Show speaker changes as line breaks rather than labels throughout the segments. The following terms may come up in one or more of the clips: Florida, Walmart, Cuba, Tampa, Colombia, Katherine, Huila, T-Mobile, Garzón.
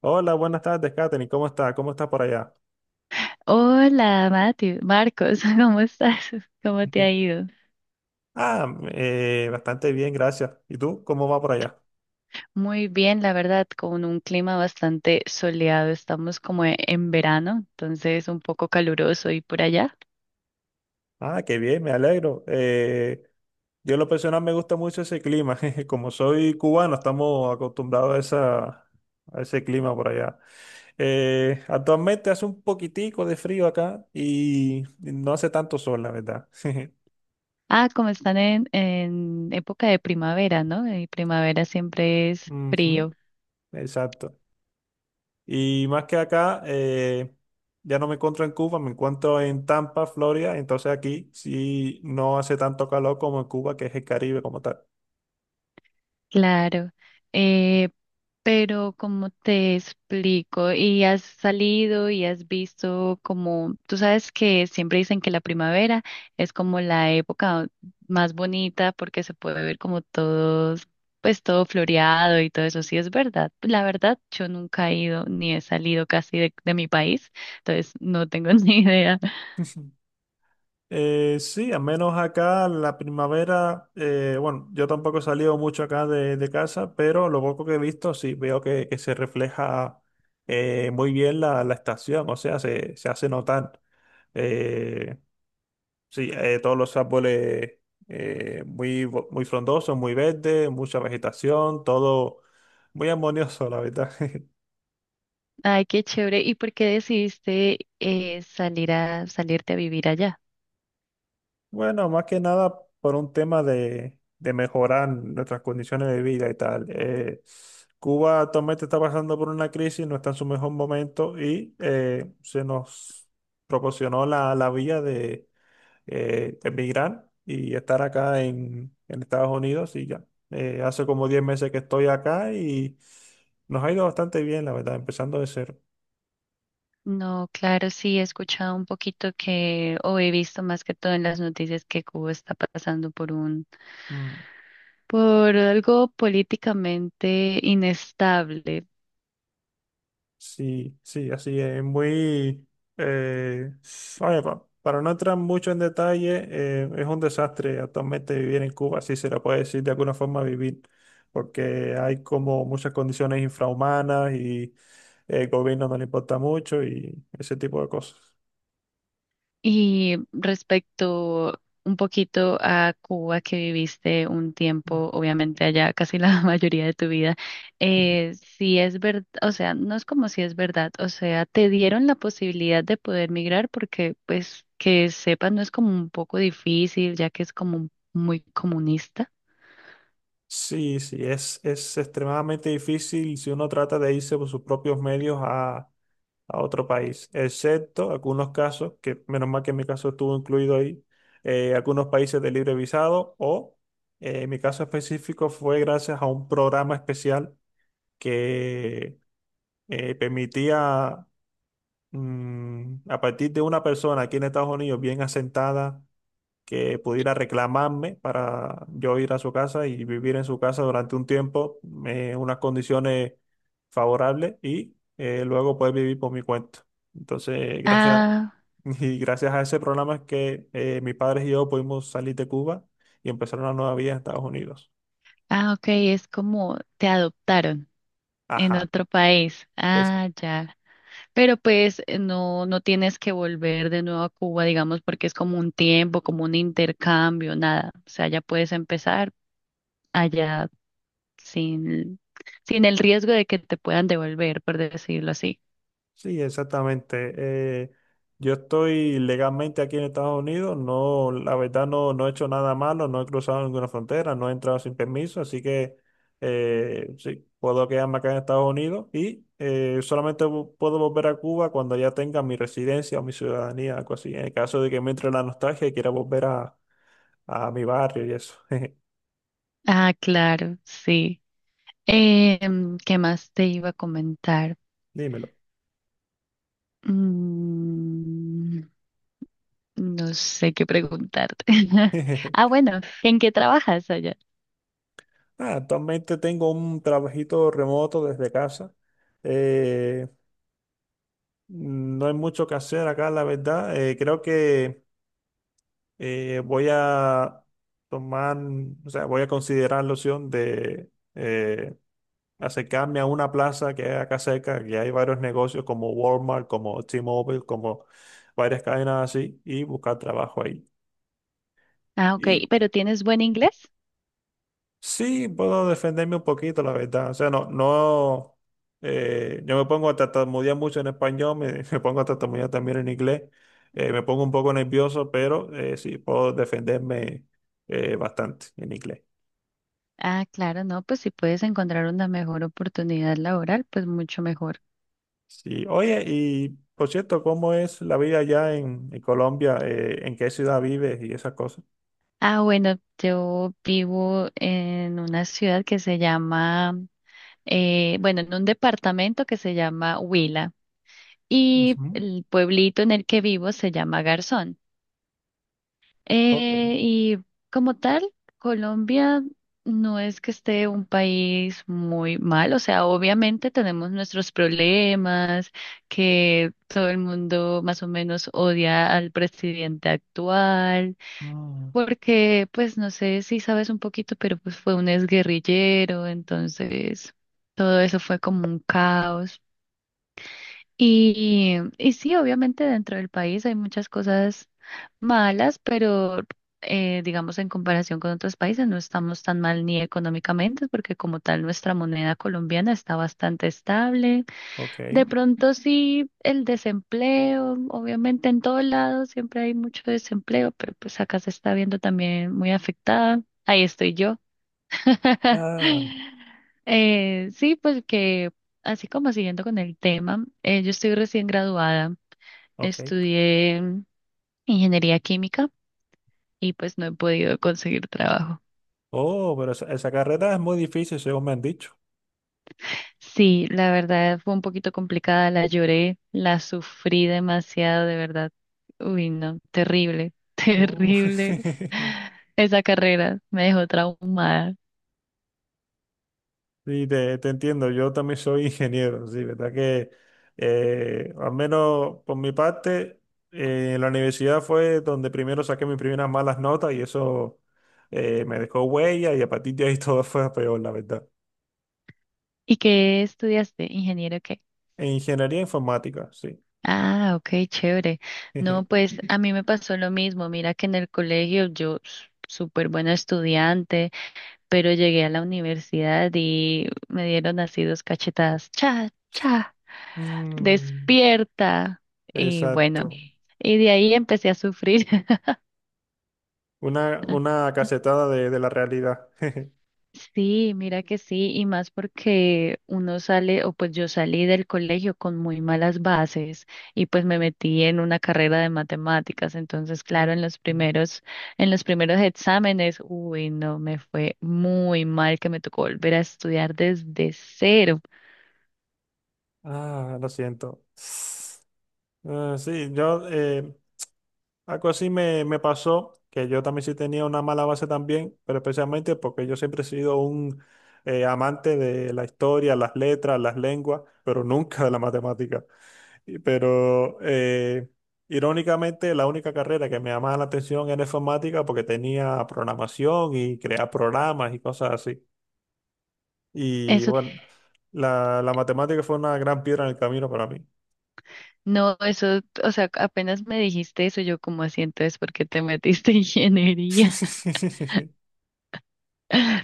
Hola, buenas tardes, Katherine. ¿Cómo está? ¿Cómo está por allá?
Hola, Mati, Marcos, ¿cómo estás? ¿Cómo te ha ido?
Ah, bastante bien, gracias. ¿Y tú? ¿Cómo va por allá?
Muy bien, la verdad, con un clima bastante soleado. Estamos como en verano, entonces un poco caluroso y por allá.
Ah, qué bien, me alegro. Yo en lo personal me gusta mucho ese clima. Como soy cubano, estamos acostumbrados a ese clima por allá. Actualmente hace un poquitico de frío acá y no hace tanto sol, la verdad.
Ah, como están en época de primavera, ¿no? Y primavera siempre es
Ujú,
frío.
exacto. Y más que acá, ya no me encuentro en Cuba, me encuentro en Tampa, Florida. Entonces aquí sí no hace tanto calor como en Cuba, que es el Caribe como tal.
Claro. Eh, Pero como te explico, y has salido y has visto como, tú sabes que siempre dicen que la primavera es como la época más bonita porque se puede ver como todos, pues todo floreado y todo eso, sí es verdad. La verdad, yo nunca he ido ni he salido casi de mi país, entonces no tengo ni idea.
Ujú. Sí, al menos acá la primavera, bueno, yo tampoco he salido mucho acá de casa, pero lo poco que he visto sí veo que se refleja muy bien la estación, o sea, se hace notar. Eh, Sí, todos los árboles muy frondosos, muy verdes, mucha vegetación, todo muy armonioso, la verdad.
Ay, qué chévere. ¿Y por qué decidiste salir a salirte a vivir allá?
Bueno, más que nada por un tema de mejorar nuestras condiciones de vida y tal. Cuba actualmente está pasando por una crisis, no está en su mejor momento y se nos proporcionó la vía de emigrar y estar acá en Estados Unidos y ya. Hace como 10 meses que estoy acá y nos ha ido bastante bien, la verdad, empezando de cero.
No, claro, sí, he escuchado un poquito que. O he visto más que todo en las noticias que Cuba está pasando por
Mm,
por algo políticamente inestable.
sí, sí, así es, eh, oye, para no entrar mucho en detalle, es un desastre actualmente vivir en Cuba, si se le puede decir de alguna forma vivir, porque hay como muchas condiciones infrahumanas y el gobierno no le importa mucho y ese tipo de cosas.
Y respecto un poquito a Cuba, que viviste un tiempo, obviamente allá casi la mayoría de tu vida, si es verdad, o sea, no es como si es verdad, o sea, te dieron la posibilidad de poder migrar porque, pues, que sepas, no es como un poco difícil, ya que es como muy comunista.
Sí, sí, es extremadamente difícil si uno trata de irse por sus propios medios a otro país, excepto algunos casos, que menos mal que en mi caso estuvo incluido ahí, algunos países de libre visado o en mi caso específico fue gracias a un programa especial que permitía a partir de una persona aquí en Estados Unidos bien asentada que pudiera reclamarme para yo ir a su casa y vivir en su casa durante un tiempo, unas condiciones favorables y luego poder vivir por mi cuenta. Entonces, gracias,
Ah,
y gracias a ese programa es que mis padres y yo pudimos salir de Cuba y empezar una nueva vida en Estados Unidos.
ah, ok, es como te adoptaron en
Ajá.
otro país. Ah, ya. Pero pues no, no tienes que volver de nuevo a Cuba, digamos, porque es como un tiempo, como un intercambio, nada. O sea, ya puedes empezar allá sin, sin el riesgo de que te puedan devolver, por decirlo así.
Sí, exactamente. Yo estoy legalmente aquí en Estados Unidos, no, la verdad no, no he hecho nada malo, no he cruzado ninguna frontera, no he entrado sin permiso, así que sí, puedo quedarme acá en Estados Unidos y puedo volver a Cuba cuando ya tenga mi residencia o mi ciudadanía, algo así, en el caso de que me entre la nostalgia y quiera volver a mi barrio y eso.
Ah, claro, sí. Em, ¿qué más te iba a comentar?
Dímelo.
Mm, no sé qué preguntarte. Ah, bueno, ¿en qué trabajas allá?
Ah, actualmente tengo un trabajito remoto desde casa. eh, No hay mucho que hacer acá, la verdad. Creo que eh, voy a tomar, o sea, voy a considerar la opción de acercarme a una plaza que hay acá cerca, que hay varios negocios como Walmart, como T-Mobile, como varias cadenas así, y buscar trabajo ahí.
Ah, ok,
Y
pero ¿tienes buen inglés?
Sí, puedo defenderme un poquito, la verdad. O sea, no, no, yo me pongo a tartamudear mucho en español, me, me pongo a tartamudear también en inglés, me pongo un poco nervioso, pero sí, puedo defenderme bastante en inglés.
Ah, claro, no, pues si puedes encontrar una mejor oportunidad laboral, pues mucho mejor.
Sí, oye, y por cierto, ¿cómo es la vida allá en Colombia? ¿En qué ciudad vives y esas cosas?
Ah, bueno, yo vivo en una ciudad que se llama, bueno, en un departamento que se llama Huila y
Ujú.
el pueblito en el que vivo se llama Garzón.
Ok,
Eh, y como tal, Colombia no es que esté un país muy mal, o sea, obviamente tenemos nuestros problemas, que todo el mundo más o menos odia al presidente actual,
ah,
porque pues no sé si sabes un poquito, pero pues fue un exguerrillero, entonces todo eso fue como un caos. Y sí, obviamente dentro del país hay muchas cosas malas, pero digamos en comparación con otros países no estamos tan mal ni económicamente, porque como tal nuestra moneda colombiana está bastante estable.
ok,
De pronto sí, el desempleo, obviamente en todo lado siempre hay mucho desempleo, pero pues acá se está viendo también muy afectada. Ahí estoy yo.
ah,
Sí, pues que así como siguiendo con el tema, yo estoy recién graduada,
ok.
estudié ingeniería química y pues no he podido conseguir trabajo.
Oh, pero esa carrera es muy difícil, según me han dicho.
Sí, la verdad fue un poquito complicada, la lloré, la sufrí demasiado, de verdad. Uy, no, terrible,
Oh.
terrible. Esa carrera me dejó traumada.
Sí, te entiendo. Yo también soy ingeniero, sí, verdad que al menos por mi parte, la universidad fue donde primero saqué mis primeras malas notas y eso me dejó huella y a partir de ahí todo fue a peor, la verdad.
¿Y qué estudiaste? ¿Ingeniero qué?
En ingeniería informática, sí.
Ah, ok, chévere. No, pues a mí me pasó lo mismo. Mira que en el colegio yo súper buena estudiante, pero llegué a la universidad y me dieron así dos cachetadas. Cha, cha,
Mm,
despierta. Y bueno,
exacto.
y de ahí empecé a sufrir.
Una cachetada de la realidad.
Sí, mira que sí, y más porque uno sale, o pues yo salí del colegio con muy malas bases y pues me metí en una carrera de matemáticas, entonces
Oh,
claro, en los primeros exámenes, uy, no, me fue muy mal que me tocó volver a estudiar desde cero.
ah, lo siento. Ah, sí, yo algo así me, me pasó, que yo también sí tenía una mala base también, pero especialmente porque yo siempre he sido un amante de la historia, las letras, las lenguas, pero nunca de la matemática. Pero irónicamente la única carrera que me llamaba la atención era informática porque tenía programación y crear programas y cosas así. Y
Eso,
bueno, la matemática fue una gran piedra en el camino para mí.
no, eso, o sea, apenas me dijiste eso, yo como así, entonces, ¿por qué te metiste en ingeniería?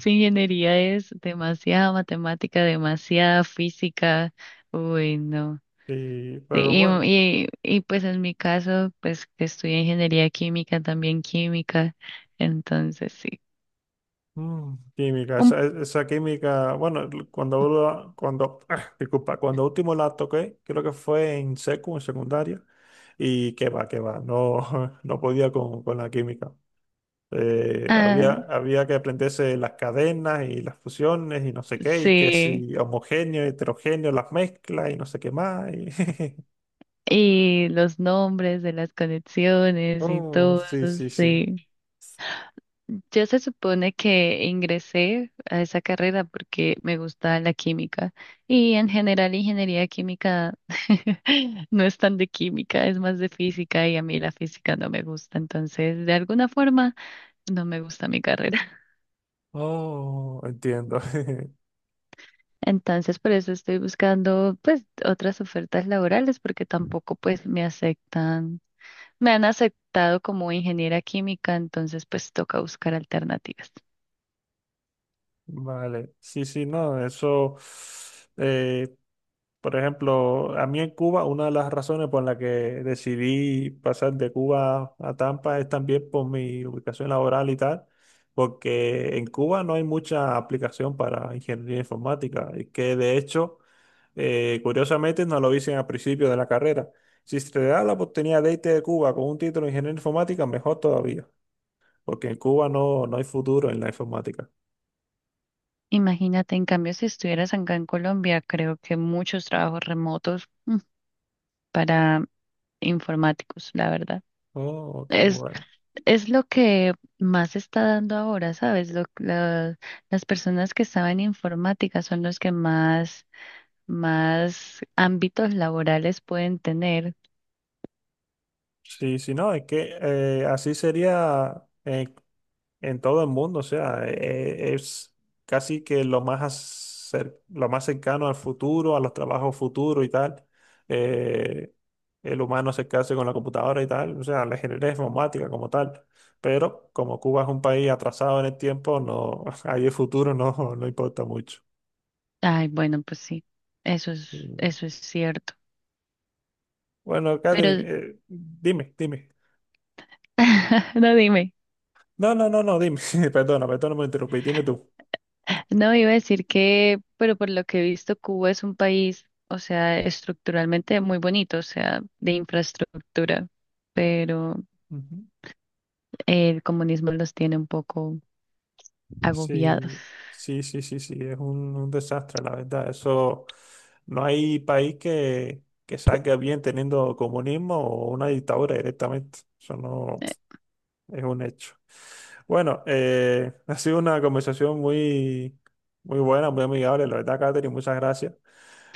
Su ingeniería es demasiada matemática, demasiada física. Uy, no.
Sí, pero
Y,
bueno.
y, y pues en mi caso, pues que estudié ingeniería química, también química. Entonces, sí.
Mm, química,
Un-
esa química, bueno, ah, disculpa, cuando último la toqué, creo que fue en en secundaria, y que va, no, no podía con la química.
ah,
Había que aprenderse las cadenas y las fusiones y no sé qué, y que
sí.
si homogéneo, heterogéneo, las mezclas y no sé qué más.
Y los nombres de las conexiones y
Oh,
todo,
sí, sí, sí.
sí. Yo se supone que ingresé a esa carrera porque me gusta la química y en general ingeniería química no es tan de química, es más de física y a mí la física no me gusta, entonces de alguna forma no me gusta mi carrera.
Oh, entiendo.
Entonces por eso estoy buscando pues otras ofertas laborales porque tampoco pues me aceptan, me han aceptado como ingeniera química, entonces pues toca buscar alternativas.
Vale, sí, sí, no, eso. eh, Por ejemplo, a mí en Cuba, una de las razones por la que decidí pasar de Cuba a Tampa es también por mi ubicación laboral y tal, porque en Cuba no hay mucha aplicación para ingeniería informática, y que de hecho, curiosamente, nos lo dicen al principio de la carrera. Si se te da la oportunidad de irte de Cuba con un título de ingeniería informática, mejor todavía, porque en Cuba no, no hay futuro en la informática.
Imagínate, en cambio, si estuvieras acá en Colombia, creo que muchos trabajos remotos para informáticos, la verdad.
Oh, ok,
Es,
bueno.
es lo que más se está dando ahora, ¿sabes? Las personas que estaban en informática son los que más, más ámbitos laborales pueden tener.
Sí, sí, no, es que así sería. En todo el mundo, o sea, es casi que lo lo más cercano al futuro, a los trabajos futuros y tal. Eh, el humano acercarse con la computadora y tal, o sea, la ingeniería informática como tal. Pero como Cuba es un país atrasado en el tiempo, no, ahí el futuro no, no importa mucho.
Ay, bueno, pues sí, eso es,
Mm.
eso es cierto.
Bueno, Catherine,
Pero,
dime, dime.
no dime.
No, no, no, no, dime. Perdona, perdona, me interrumpí, dime tú.
No, iba a decir que, pero por lo que he visto, Cuba es un país, o sea, estructuralmente muy bonito, o sea, de infraestructura, pero
Ujú.
el comunismo los tiene un poco agobiados.
Sí, sí, sí, sí, sí, es un desastre, la verdad. Eso, no hay país que salga bien teniendo comunismo o una dictadura directamente. Eso no
Eh,
es un hecho. Bueno, ha sido una conversación muy, muy buena, muy amigable, la verdad, Catherine, muchas gracias.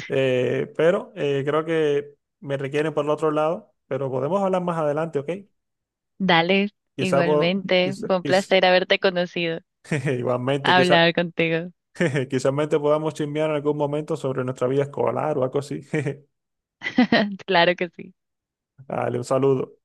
Pero creo que me requieren por el otro lado, pero podemos hablar más adelante, ¿ok?
Dale,
Quizá, por,
igualmente,
quizá-
fue un
quiz-
placer haberte conocido,
igualmente, quizá
hablar contigo.
quizás podamos chismear en algún momento sobre nuestra vida escolar o algo así.
Claro que sí.
Dale, un saludo.